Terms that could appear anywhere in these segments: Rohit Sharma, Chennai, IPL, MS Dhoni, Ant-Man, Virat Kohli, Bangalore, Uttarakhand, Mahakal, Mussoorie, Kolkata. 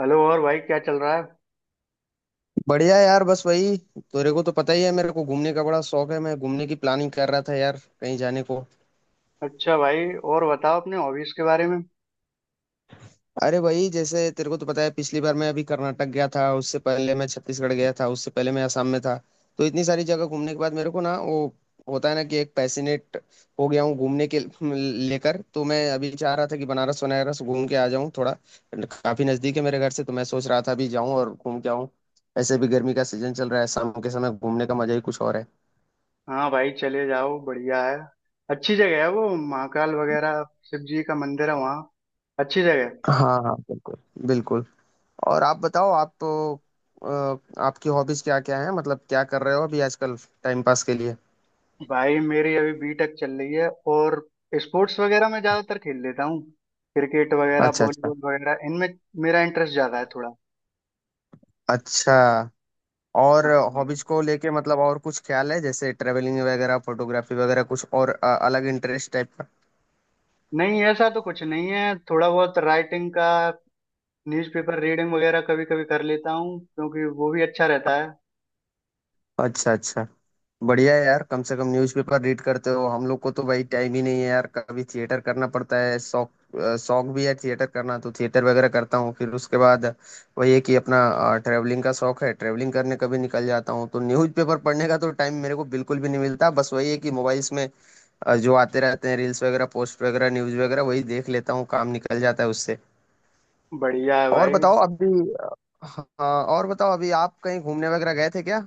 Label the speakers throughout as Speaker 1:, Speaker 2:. Speaker 1: Hello और भाई, क्या चल रहा है।
Speaker 2: बढ़िया यार। बस वही, तेरे को तो पता ही है, मेरे को घूमने का बड़ा शौक है। मैं घूमने की प्लानिंग कर रहा था यार, कहीं जाने को।
Speaker 1: अच्छा भाई। और बताओ अपने हॉबीज के बारे में।
Speaker 2: अरे वही, जैसे तेरे को तो पता है, पिछली बार मैं अभी कर्नाटक गया था, उससे पहले मैं छत्तीसगढ़ गया था, उससे पहले मैं असम में था। तो इतनी सारी जगह घूमने के बाद मेरे को ना वो होता है ना कि एक पैसिनेट हो गया हूँ घूमने के लेकर। तो मैं अभी चाह रहा था कि बनारस वनारस घूम के आ जाऊँ थोड़ा। काफी नजदीक है मेरे घर से, तो मैं सोच रहा था अभी जाऊँ और घूम के आऊँ। ऐसे भी गर्मी का सीजन चल रहा है, शाम के समय घूमने का मजा ही कुछ और है।
Speaker 1: हाँ भाई, चले जाओ, बढ़िया है। अच्छी जगह है वो, महाकाल वगैरह। शिव जी का मंदिर है वहाँ। अच्छी जगह है।
Speaker 2: हाँ हाँ, बिल्कुल। बिल्कुल। और आप बताओ, आप तो आपकी हॉबीज क्या क्या हैं? मतलब क्या कर रहे हो अभी आजकल, टाइम पास के लिए?
Speaker 1: भाई, मेरी अभी बीटेक चल रही है। और स्पोर्ट्स वगैरह मैं ज्यादातर खेल लेता हूँ। क्रिकेट वगैरह,
Speaker 2: अच्छा अच्छा।
Speaker 1: वॉलीबॉल वगैरह, इनमें मेरा इंटरेस्ट ज्यादा है थोड़ा।
Speaker 2: अच्छा। और
Speaker 1: हाँ भाई।
Speaker 2: हॉबीज को लेके, मतलब और कुछ ख्याल है जैसे ट्रेवलिंग वगैरह, फोटोग्राफी वगैरह, कुछ और अलग इंटरेस्ट टाइप का?
Speaker 1: नहीं, ऐसा तो कुछ नहीं है, थोड़ा बहुत राइटिंग का। न्यूज़पेपर रीडिंग वगैरह कभी कभी कर लेता हूँ क्योंकि वो भी अच्छा रहता है।
Speaker 2: अच्छा अच्छा। बढ़िया है यार। कम से कम न्यूज़पेपर रीड करते हो। हम लोग को तो भाई टाइम ही नहीं है यार। कभी थिएटर करना पड़ता है शौक। शौक भी है थिएटर करना, तो थिएटर वगैरह करता हूँ। फिर उसके बाद वही है कि अपना ट्रैवलिंग का शौक है, ट्रैवलिंग करने कभी निकल जाता हूँ, तो न्यूज़पेपर पढ़ने का तो टाइम मेरे को बिल्कुल भी नहीं मिलता। बस वही है कि मोबाइल्स में जो आते रहते हैं रील्स वगैरह, पोस्ट वगैरह, न्यूज़ वगैरह, वही देख लेता हूँ, काम निकल जाता है उससे।
Speaker 1: बढ़िया है
Speaker 2: और
Speaker 1: भाई।
Speaker 2: बताओ अभी अ, हाँ, और बताओ अभी आप कहीं घूमने वगैरह गए थे क्या?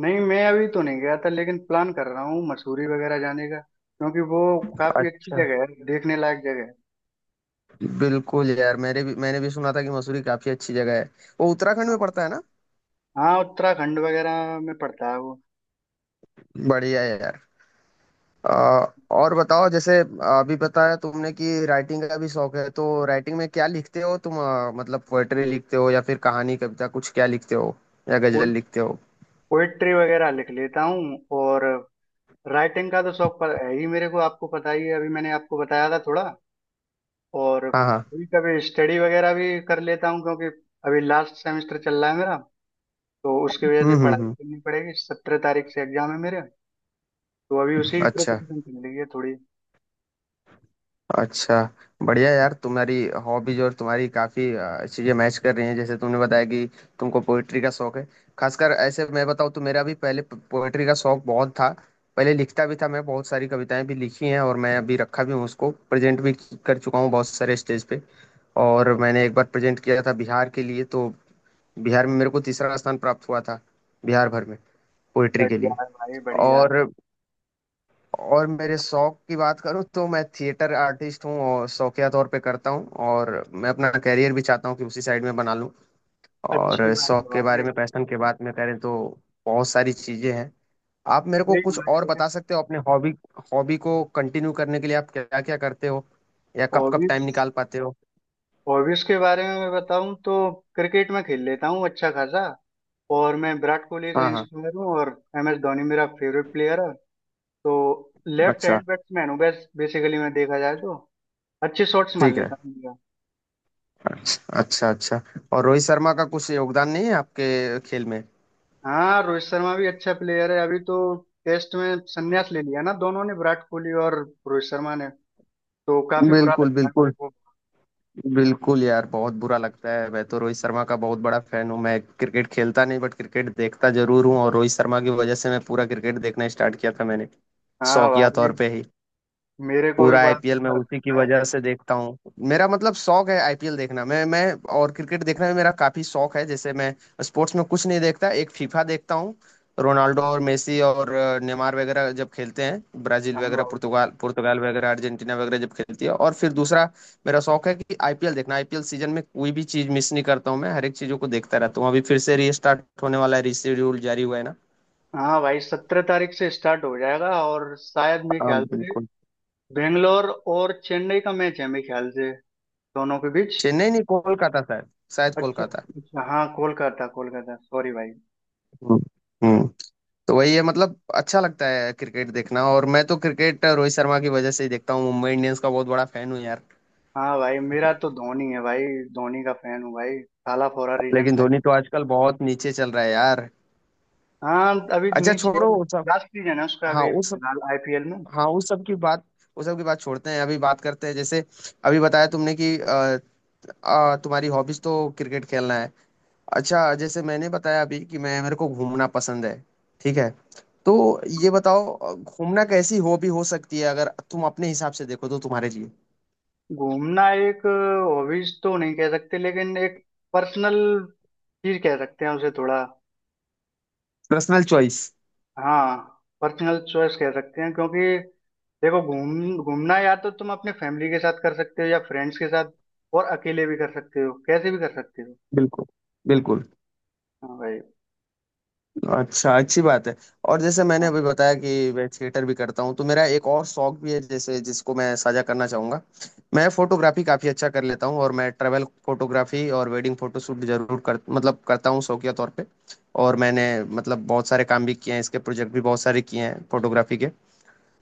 Speaker 1: नहीं, मैं अभी तो नहीं गया था लेकिन प्लान कर रहा हूँ मसूरी वगैरह जाने का, क्योंकि वो काफी अच्छी
Speaker 2: अच्छा।
Speaker 1: जगह है, देखने लायक जगह
Speaker 2: बिल्कुल यार, मेरे भी, मैंने भी सुना था कि मसूरी काफी अच्छी जगह है। वो उत्तराखंड में पड़ता
Speaker 1: है।
Speaker 2: है ना?
Speaker 1: हाँ, उत्तराखंड वगैरह में पड़ता है वो।
Speaker 2: बढ़िया है यार। और बताओ जैसे अभी बताया तुमने कि राइटिंग का भी शौक है, तो राइटिंग में क्या लिखते हो तुम? मतलब पोएट्री लिखते हो या फिर कहानी, कविता, कुछ क्या लिखते हो या गजल लिखते हो?
Speaker 1: पोइट्री वगैरह लिख लेता हूँ। और राइटिंग का तो शौक पर है ही मेरे को, आपको पता ही है, अभी मैंने आपको बताया था थोड़ा। और
Speaker 2: हाँ हाँ।
Speaker 1: कभी कभी स्टडी वगैरह भी कर लेता हूँ, क्योंकि अभी लास्ट सेमेस्टर चल रहा है मेरा। तो उसकी वजह से पढ़ाई
Speaker 2: हम्म।
Speaker 1: करनी पड़ेगी, 17 तारीख से एग्जाम है मेरे। तो अभी उसी की
Speaker 2: अच्छा।
Speaker 1: प्रिपरेशन चल रही है थोड़ी।
Speaker 2: अच्छा। बढ़िया यार। तुम्हारी हॉबीज और तुम्हारी काफी चीजें मैच कर रही हैं, जैसे तुमने बताया कि तुमको पोइट्री का शौक है। खासकर ऐसे मैं बताऊँ तो मेरा भी पहले पोइट्री का शौक बहुत था। पहले लिखता भी था मैं, बहुत सारी कविताएं भी लिखी हैं, और मैं अभी रखा भी हूँ उसको, प्रेजेंट भी कर चुका हूँ बहुत सारे स्टेज पे। और मैंने एक बार प्रेजेंट किया था बिहार के लिए, तो बिहार में मेरे को तीसरा स्थान प्राप्त हुआ था, बिहार भर में, पोइट्री के
Speaker 1: बढ़िया
Speaker 2: लिए।
Speaker 1: है भाई, बढ़िया।
Speaker 2: और और मेरे शौक की बात करूँ तो मैं थिएटर आर्टिस्ट हूँ और शौकिया तौर पे करता हूँ, और मैं अपना करियर भी चाहता हूँ कि उसी साइड में बना लूँ।
Speaker 1: अच्छी
Speaker 2: और
Speaker 1: बात है
Speaker 2: शौक के
Speaker 1: भाई।
Speaker 2: बारे में, पैशन के बात में करें तो बहुत सारी चीजें हैं। आप मेरे को
Speaker 1: यही
Speaker 2: कुछ
Speaker 1: होना
Speaker 2: और
Speaker 1: चाहिए।
Speaker 2: बता सकते हो अपने हॉबी? हॉबी को कंटिन्यू करने के लिए आप क्या क्या करते हो या कब कब
Speaker 1: हॉबीज
Speaker 2: टाइम निकाल पाते हो?
Speaker 1: हॉबीज के बारे में मैं बताऊं तो क्रिकेट में खेल लेता हूँ अच्छा खासा। और मैं विराट कोहली से
Speaker 2: हाँ हाँ।
Speaker 1: इंस्पायर हूँ, और MS धोनी मेरा फेवरेट प्लेयर है। तो लेफ्ट
Speaker 2: अच्छा।
Speaker 1: हैंड बैट्समैन हूँ बस, बेसिकली मैं देखा जाए तो अच्छे शॉट्स मार
Speaker 2: ठीक है।
Speaker 1: लेता हूँ मैं।
Speaker 2: अच्छा अच्छा अच्छा। और रोहित शर्मा का कुछ योगदान नहीं है आपके खेल में?
Speaker 1: हाँ, रोहित शर्मा भी अच्छा प्लेयर है। अभी तो टेस्ट में संन्यास ले लिया ना दोनों ने, विराट कोहली और रोहित शर्मा ने। तो काफी बुरा लग
Speaker 2: बिल्कुल
Speaker 1: रहा है मेरे
Speaker 2: बिल्कुल।
Speaker 1: को।
Speaker 2: बिल्कुल यार, बहुत बुरा लगता है। मैं तो रोहित शर्मा का बहुत बड़ा फैन हूँ। मैं क्रिकेट खेलता नहीं बट क्रिकेट देखता जरूर हूँ, और रोहित शर्मा की वजह से मैं पूरा क्रिकेट देखना स्टार्ट किया था मैंने,
Speaker 1: हाँ
Speaker 2: शौकिया तौर
Speaker 1: भाई,
Speaker 2: पे ही।
Speaker 1: मेरे को भी
Speaker 2: पूरा
Speaker 1: बड़ा
Speaker 2: आईपीएल मैं
Speaker 1: बेकार
Speaker 2: उसी की
Speaker 1: लगता है।
Speaker 2: वजह से देखता हूँ। मेरा मतलब शौक है आईपीएल देखना। मैं और क्रिकेट देखना भी मेरा काफी शौक है। जैसे मैं स्पोर्ट्स में कुछ नहीं देखता, एक फीफा देखता हूँ। रोनाल्डो और मेसी और नेमार वगैरह जब खेलते हैं, ब्राजील
Speaker 1: हाँ
Speaker 2: वगैरह,
Speaker 1: भाई,
Speaker 2: पुर्तगाल पुर्तगाल वगैरह, अर्जेंटीना वगैरह जब खेलती है, और फिर दूसरा मेरा शौक है कि आईपीएल देखना। आईपीएल सीजन में कोई भी चीज मिस नहीं करता हूँ, मैं हर एक चीजों को देखता रहता हूँ। अभी फिर से रीस्टार्ट होने वाला है, रीशेड्यूल जारी हुआ है ना।
Speaker 1: हाँ भाई, 17 तारीख से स्टार्ट हो जाएगा। और शायद मेरे
Speaker 2: हाँ,
Speaker 1: ख्याल से
Speaker 2: बिल्कुल।
Speaker 1: बेंगलोर और चेन्नई का मैच है मेरे ख्याल से, दोनों के बीच।
Speaker 2: चेन्नई नहीं, कोलकाता शायद। शायद
Speaker 1: अच्छा।
Speaker 2: कोलकाता।
Speaker 1: अच्छा हाँ, कोलकाता, कोलकाता, सॉरी भाई।
Speaker 2: हम्म। हम्म। तो वही है, मतलब अच्छा लगता है क्रिकेट देखना। और मैं तो क्रिकेट रोहित शर्मा की वजह से ही देखता हूँ। मुंबई इंडियंस का बहुत बड़ा फैन हूँ यार।
Speaker 1: हाँ भाई, मेरा तो धोनी है भाई। धोनी का फैन हूँ भाई। थाला फोरा रीजन
Speaker 2: लेकिन
Speaker 1: भाई।
Speaker 2: धोनी तो आजकल बहुत नीचे चल रहा है यार।
Speaker 1: हाँ, अभी
Speaker 2: अच्छा,
Speaker 1: नीचे है,
Speaker 2: छोड़ो वो सब।
Speaker 1: लास्ट सीजन है उसका
Speaker 2: हाँ
Speaker 1: अभी
Speaker 2: उस सब
Speaker 1: फिलहाल IPL में।
Speaker 2: हाँ उस सब की बात उस सब की बात छोड़ते हैं। अभी बात करते हैं जैसे अभी बताया तुमने कि तुम्हारी हॉबीज तो क्रिकेट खेलना है। अच्छा जैसे मैंने बताया अभी कि मैं, मेरे को घूमना पसंद है, ठीक है। तो ये बताओ घूमना कैसी हॉबी हो सकती है अगर तुम अपने हिसाब से देखो तो, तुम्हारे लिए?
Speaker 1: घूमना एक हॉबीज तो नहीं कह सकते, लेकिन एक पर्सनल चीज कह सकते हैं उसे थोड़ा।
Speaker 2: Personal choice.
Speaker 1: हाँ, पर्सनल चॉइस कह सकते हैं, क्योंकि देखो, घूमना या तो तुम अपने फैमिली के साथ कर सकते हो, या फ्रेंड्स के साथ। और अकेले भी कर सकते हो, कैसे भी कर सकते हो।
Speaker 2: बिल्कुल। बिल्कुल।
Speaker 1: हाँ भाई।
Speaker 2: अच्छा, अच्छी बात है। और जैसे मैंने
Speaker 1: हाँ,
Speaker 2: अभी बताया कि मैं थिएटर भी करता हूँ, तो मेरा एक और शौक भी है जैसे, जिसको मैं साझा करना चाहूंगा। मैं फोटोग्राफी काफी अच्छा कर लेता हूँ, और मैं ट्रैवल फोटोग्राफी और वेडिंग फोटोशूट जरूर कर, मतलब करता हूँ शौकिया तौर पे। और मैंने मतलब बहुत सारे काम भी किए हैं, इसके प्रोजेक्ट भी बहुत सारे किए हैं फोटोग्राफी के।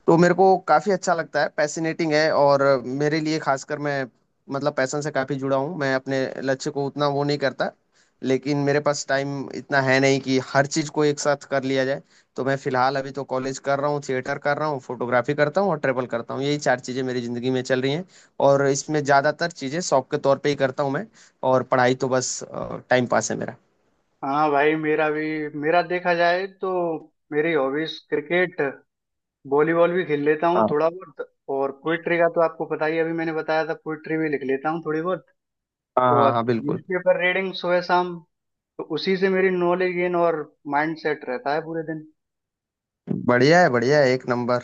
Speaker 2: तो मेरे को काफ़ी अच्छा लगता है, पैसिनेटिंग है, और मेरे लिए खासकर मैं मतलब पैसन से काफ़ी जुड़ा हूँ। मैं अपने लक्ष्य को उतना वो नहीं करता, लेकिन मेरे पास टाइम इतना है नहीं कि हर चीज़ को एक साथ कर लिया जाए। तो मैं फ़िलहाल अभी तो कॉलेज कर रहा हूँ, थिएटर कर रहा हूँ, फोटोग्राफी करता हूँ, और ट्रेवल करता हूँ। यही चार चीज़ें मेरी ज़िंदगी में चल रही हैं, और इसमें ज़्यादातर चीज़ें शौक के तौर पे ही करता हूँ मैं। और पढ़ाई तो बस टाइम पास है मेरा।
Speaker 1: हाँ भाई, मेरा भी, मेरा देखा जाए तो मेरी हॉबीज क्रिकेट, वॉलीबॉल भी खेल लेता हूँ
Speaker 2: हाँ,
Speaker 1: थोड़ा बहुत। और पोइट्री का तो आपको पता ही है, अभी मैंने बताया था, पोइट्री भी लिख लेता हूँ थोड़ी बहुत।
Speaker 2: हाँ, हाँ,
Speaker 1: और
Speaker 2: हाँ, बिल्कुल।
Speaker 1: न्यूज़पेपर रीडिंग सुबह शाम, तो उसी से मेरी नॉलेज गेन और माइंड सेट रहता है पूरे दिन।
Speaker 2: बढ़िया है, बढ़िया है, एक नंबर।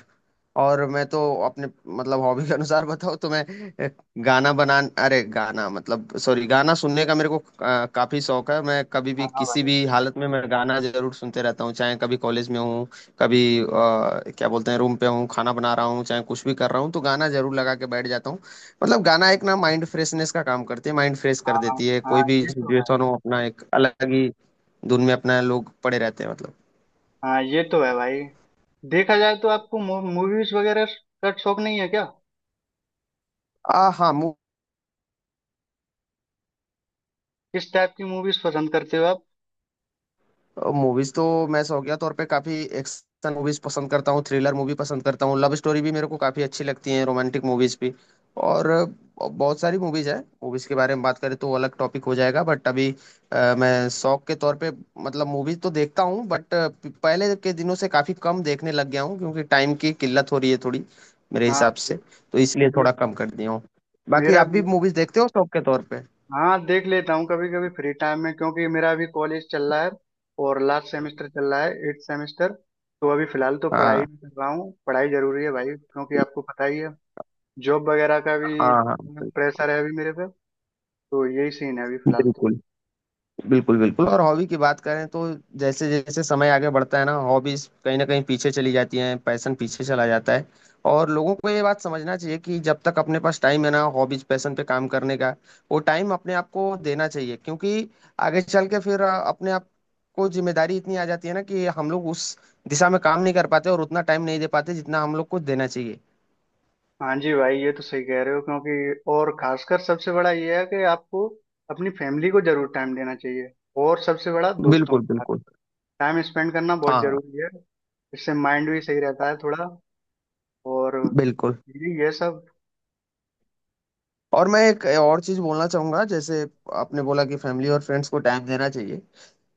Speaker 2: और मैं तो अपने मतलब हॉबी के अनुसार बताऊँ तो मैं अ, गाना बना अरे गाना, मतलब सॉरी, गाना सुनने का मेरे को काफी शौक है। मैं कभी भी,
Speaker 1: हाँ
Speaker 2: किसी
Speaker 1: भाई।
Speaker 2: भी हालत में मैं गाना जरूर सुनते रहता हूँ। चाहे कभी कॉलेज में हूँ, कभी क्या बोलते हैं, रूम पे हूँ, खाना बना रहा हूँ, चाहे कुछ भी कर रहा हूँ, तो गाना जरूर लगा के बैठ जाता हूँ। मतलब गाना एक ना माइंड फ्रेशनेस का काम करती है, माइंड फ्रेश कर
Speaker 1: हाँ,
Speaker 2: देती है, कोई
Speaker 1: हाँ,
Speaker 2: भी
Speaker 1: ये तो है।
Speaker 2: सिचुएशन हो अपना एक अलग ही धुन में अपना लोग पड़े रहते हैं मतलब।
Speaker 1: हाँ, ये तो है भाई। देखा जाए तो आपको मूवीज वगैरह का शौक नहीं है क्या।
Speaker 2: आ, हाँ।
Speaker 1: किस टाइप की मूवीज पसंद करते हो आप।
Speaker 2: मूवीज तो मैं शौकिया तौर पे काफी एक्शन मूवीज पसंद करता हूँ, थ्रिलर मूवी पसंद करता हूँ, लव स्टोरी भी मेरे को काफी अच्छी लगती है, रोमांटिक मूवीज भी। और बहुत सारी मूवीज है, मूवीज के बारे में बात करें तो अलग टॉपिक हो जाएगा, बट अभी मैं शौक के तौर पे, मतलब मूवीज तो देखता हूँ बट पहले के दिनों से काफी कम देखने लग गया हूँ क्योंकि टाइम की किल्लत हो रही है थोड़ी मेरे
Speaker 1: हाँ
Speaker 2: हिसाब
Speaker 1: भाई।
Speaker 2: से, तो इसलिए
Speaker 1: मे-
Speaker 2: थोड़ा कम कर दिया हूँ। बाकी
Speaker 1: मेरा
Speaker 2: आप
Speaker 1: भी
Speaker 2: भी
Speaker 1: यही।
Speaker 2: मूवीज देखते हो शौक के तौर पे?
Speaker 1: हाँ, देख लेता हूँ कभी कभी फ्री टाइम में, क्योंकि मेरा अभी कॉलेज चल रहा है, और लास्ट सेमेस्टर चल रहा है, 8th सेमेस्टर। तो अभी फिलहाल तो पढ़ाई
Speaker 2: हाँ,
Speaker 1: भी कर रहा हूँ। पढ़ाई जरूरी है भाई, क्योंकि आपको पता ही है, जॉब वगैरह का भी
Speaker 2: हाँ, हाँ, बिल्कुल।
Speaker 1: प्रेशर है अभी मेरे पे। तो यही सीन है अभी फिलहाल तो।
Speaker 2: बिल्कुल। स्कूल और हॉबी की बात करें तो जैसे जैसे समय आगे बढ़ता है ना, हॉबीज कहीं ना कहीं पीछे चली जाती हैं, पैशन पीछे चला जाता है। और लोगों को ये बात समझना चाहिए कि जब तक अपने पास टाइम है ना हॉबीज पैशन पे काम करने का, वो टाइम अपने आप को देना चाहिए। क्योंकि आगे चल के फिर अपने आप को जिम्मेदारी इतनी आ जाती है ना कि हम लोग उस दिशा में काम नहीं कर पाते, और उतना टाइम नहीं दे पाते जितना हम लोग को देना चाहिए।
Speaker 1: हाँ जी भाई, ये तो सही कह रहे हो, क्योंकि और खासकर सबसे बड़ा ये है कि आपको अपनी फैमिली को जरूर टाइम देना चाहिए। और सबसे बड़ा, दोस्तों
Speaker 2: बिल्कुल
Speaker 1: के साथ
Speaker 2: बिल्कुल।
Speaker 1: टाइम स्पेंड करना बहुत
Speaker 2: हाँ हाँ,
Speaker 1: जरूरी है। इससे माइंड भी सही रहता है थोड़ा। और
Speaker 2: बिल्कुल।
Speaker 1: ये सब।
Speaker 2: और मैं एक और चीज बोलना चाहूंगा, जैसे आपने बोला कि फैमिली और फ्रेंड्स को टाइम देना चाहिए,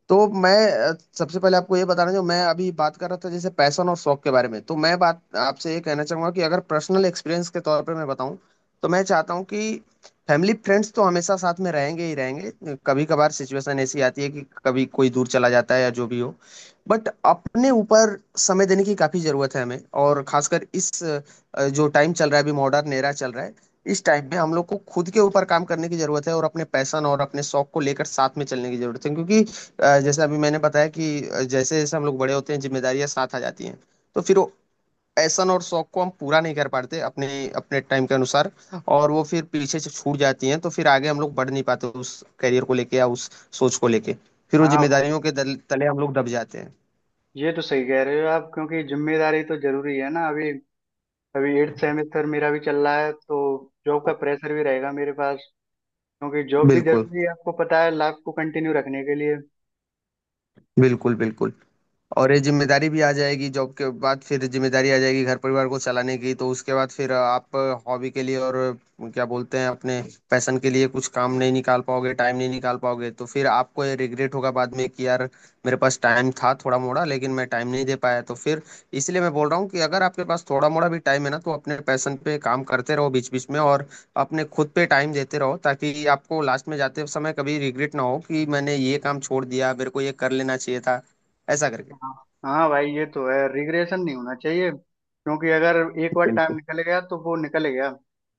Speaker 2: तो मैं सबसे पहले आपको ये बताना, जो मैं अभी बात कर रहा था जैसे पैशन और शौक के बारे में, तो मैं बात आपसे ये कहना चाहूंगा कि अगर पर्सनल एक्सपीरियंस के तौर पर मैं बताऊं, तो मैं चाहता हूं कि फैमिली फ्रेंड्स तो हमेशा साथ में रहेंगे ही रहेंगे, कभी कभार सिचुएशन ऐसी आती है कि कभी कोई दूर चला जाता है या जो भी हो, बट अपने ऊपर समय देने की काफी जरूरत है हमें। और खासकर इस जो टाइम चल रहा है अभी, मॉडर्न एरा चल रहा है, इस टाइम में हम लोग को खुद के ऊपर काम करने की जरूरत है, और अपने पैशन और अपने शौक को लेकर साथ में चलने की जरूरत है। क्योंकि जैसे अभी मैंने बताया कि जैसे जैसे हम लोग बड़े होते हैं जिम्मेदारियां साथ आ जाती हैं, तो फिर वो पैशन और शौक को हम पूरा नहीं कर पाते अपने, अपने टाइम के अनुसार। और वो फिर पीछे से छूट जाती हैं, तो फिर आगे हम लोग बढ़ नहीं पाते उस करियर को लेके या उस सोच को लेके। फिर वो
Speaker 1: हाँ भाई,
Speaker 2: जिम्मेदारियों के तले हम लोग दब जाते हैं।
Speaker 1: ये तो सही कह रहे हो आप, क्योंकि जिम्मेदारी तो जरूरी है ना। अभी अभी 8th सेमेस्टर मेरा भी चल रहा है, तो जॉब का प्रेशर भी रहेगा मेरे पास। क्योंकि जॉब भी
Speaker 2: बिल्कुल,
Speaker 1: जरूरी है, आपको पता है, लाइफ को कंटिन्यू रखने के लिए।
Speaker 2: बिल्कुल, बिल्कुल। और ये जिम्मेदारी भी आ जाएगी जॉब के बाद, फिर जिम्मेदारी आ जाएगी घर परिवार को चलाने की, तो उसके बाद फिर आप हॉबी के लिए और क्या बोलते हैं अपने पैशन के लिए कुछ काम नहीं निकाल पाओगे, टाइम नहीं निकाल पाओगे, तो फिर आपको ये रिग्रेट होगा बाद में कि यार मेरे पास टाइम था थोड़ा मोड़ा लेकिन मैं टाइम नहीं दे पाया। तो फिर इसलिए मैं बोल रहा हूँ कि अगर आपके पास थोड़ा मोड़ा भी टाइम है ना, तो अपने पैशन पे काम करते रहो बीच बीच में, और अपने खुद पे टाइम देते रहो ताकि आपको लास्ट में जाते समय कभी रिग्रेट ना हो कि मैंने ये काम छोड़ दिया, मेरे को ये कर लेना चाहिए था ऐसा करके।
Speaker 1: हाँ। हाँ भाई, ये तो है, रिग्रेशन नहीं होना चाहिए, क्योंकि अगर एक बार टाइम
Speaker 2: बिल्कुल।
Speaker 1: निकल गया तो वो निकल गया।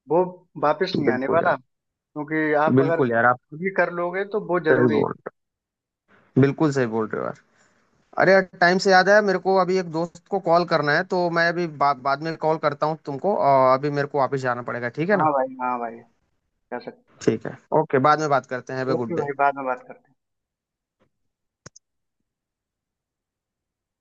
Speaker 1: वो वापस नहीं आने
Speaker 2: बिल्कुल
Speaker 1: वाला।
Speaker 2: यार,
Speaker 1: क्योंकि आप अगर
Speaker 2: बिल्कुल यार आप
Speaker 1: खुद ही कर लोगे तो वो
Speaker 2: सही
Speaker 1: जरूरी है।
Speaker 2: बोल रहे हो, बिल्कुल सही बोल रहे हो यार। अरे यार, टाइम से याद आया मेरे को अभी एक दोस्त को कॉल करना है, तो मैं अभी बाद में कॉल करता हूँ तुमको, और अभी मेरे को वापस जाना पड़ेगा, ठीक है ना?
Speaker 1: हाँ भाई, हाँ भाई, कह सकते।
Speaker 2: ठीक है, ओके, बाद में बात करते हैं। Have a good
Speaker 1: okay
Speaker 2: day.
Speaker 1: भाई, बाद में बात करते हैं।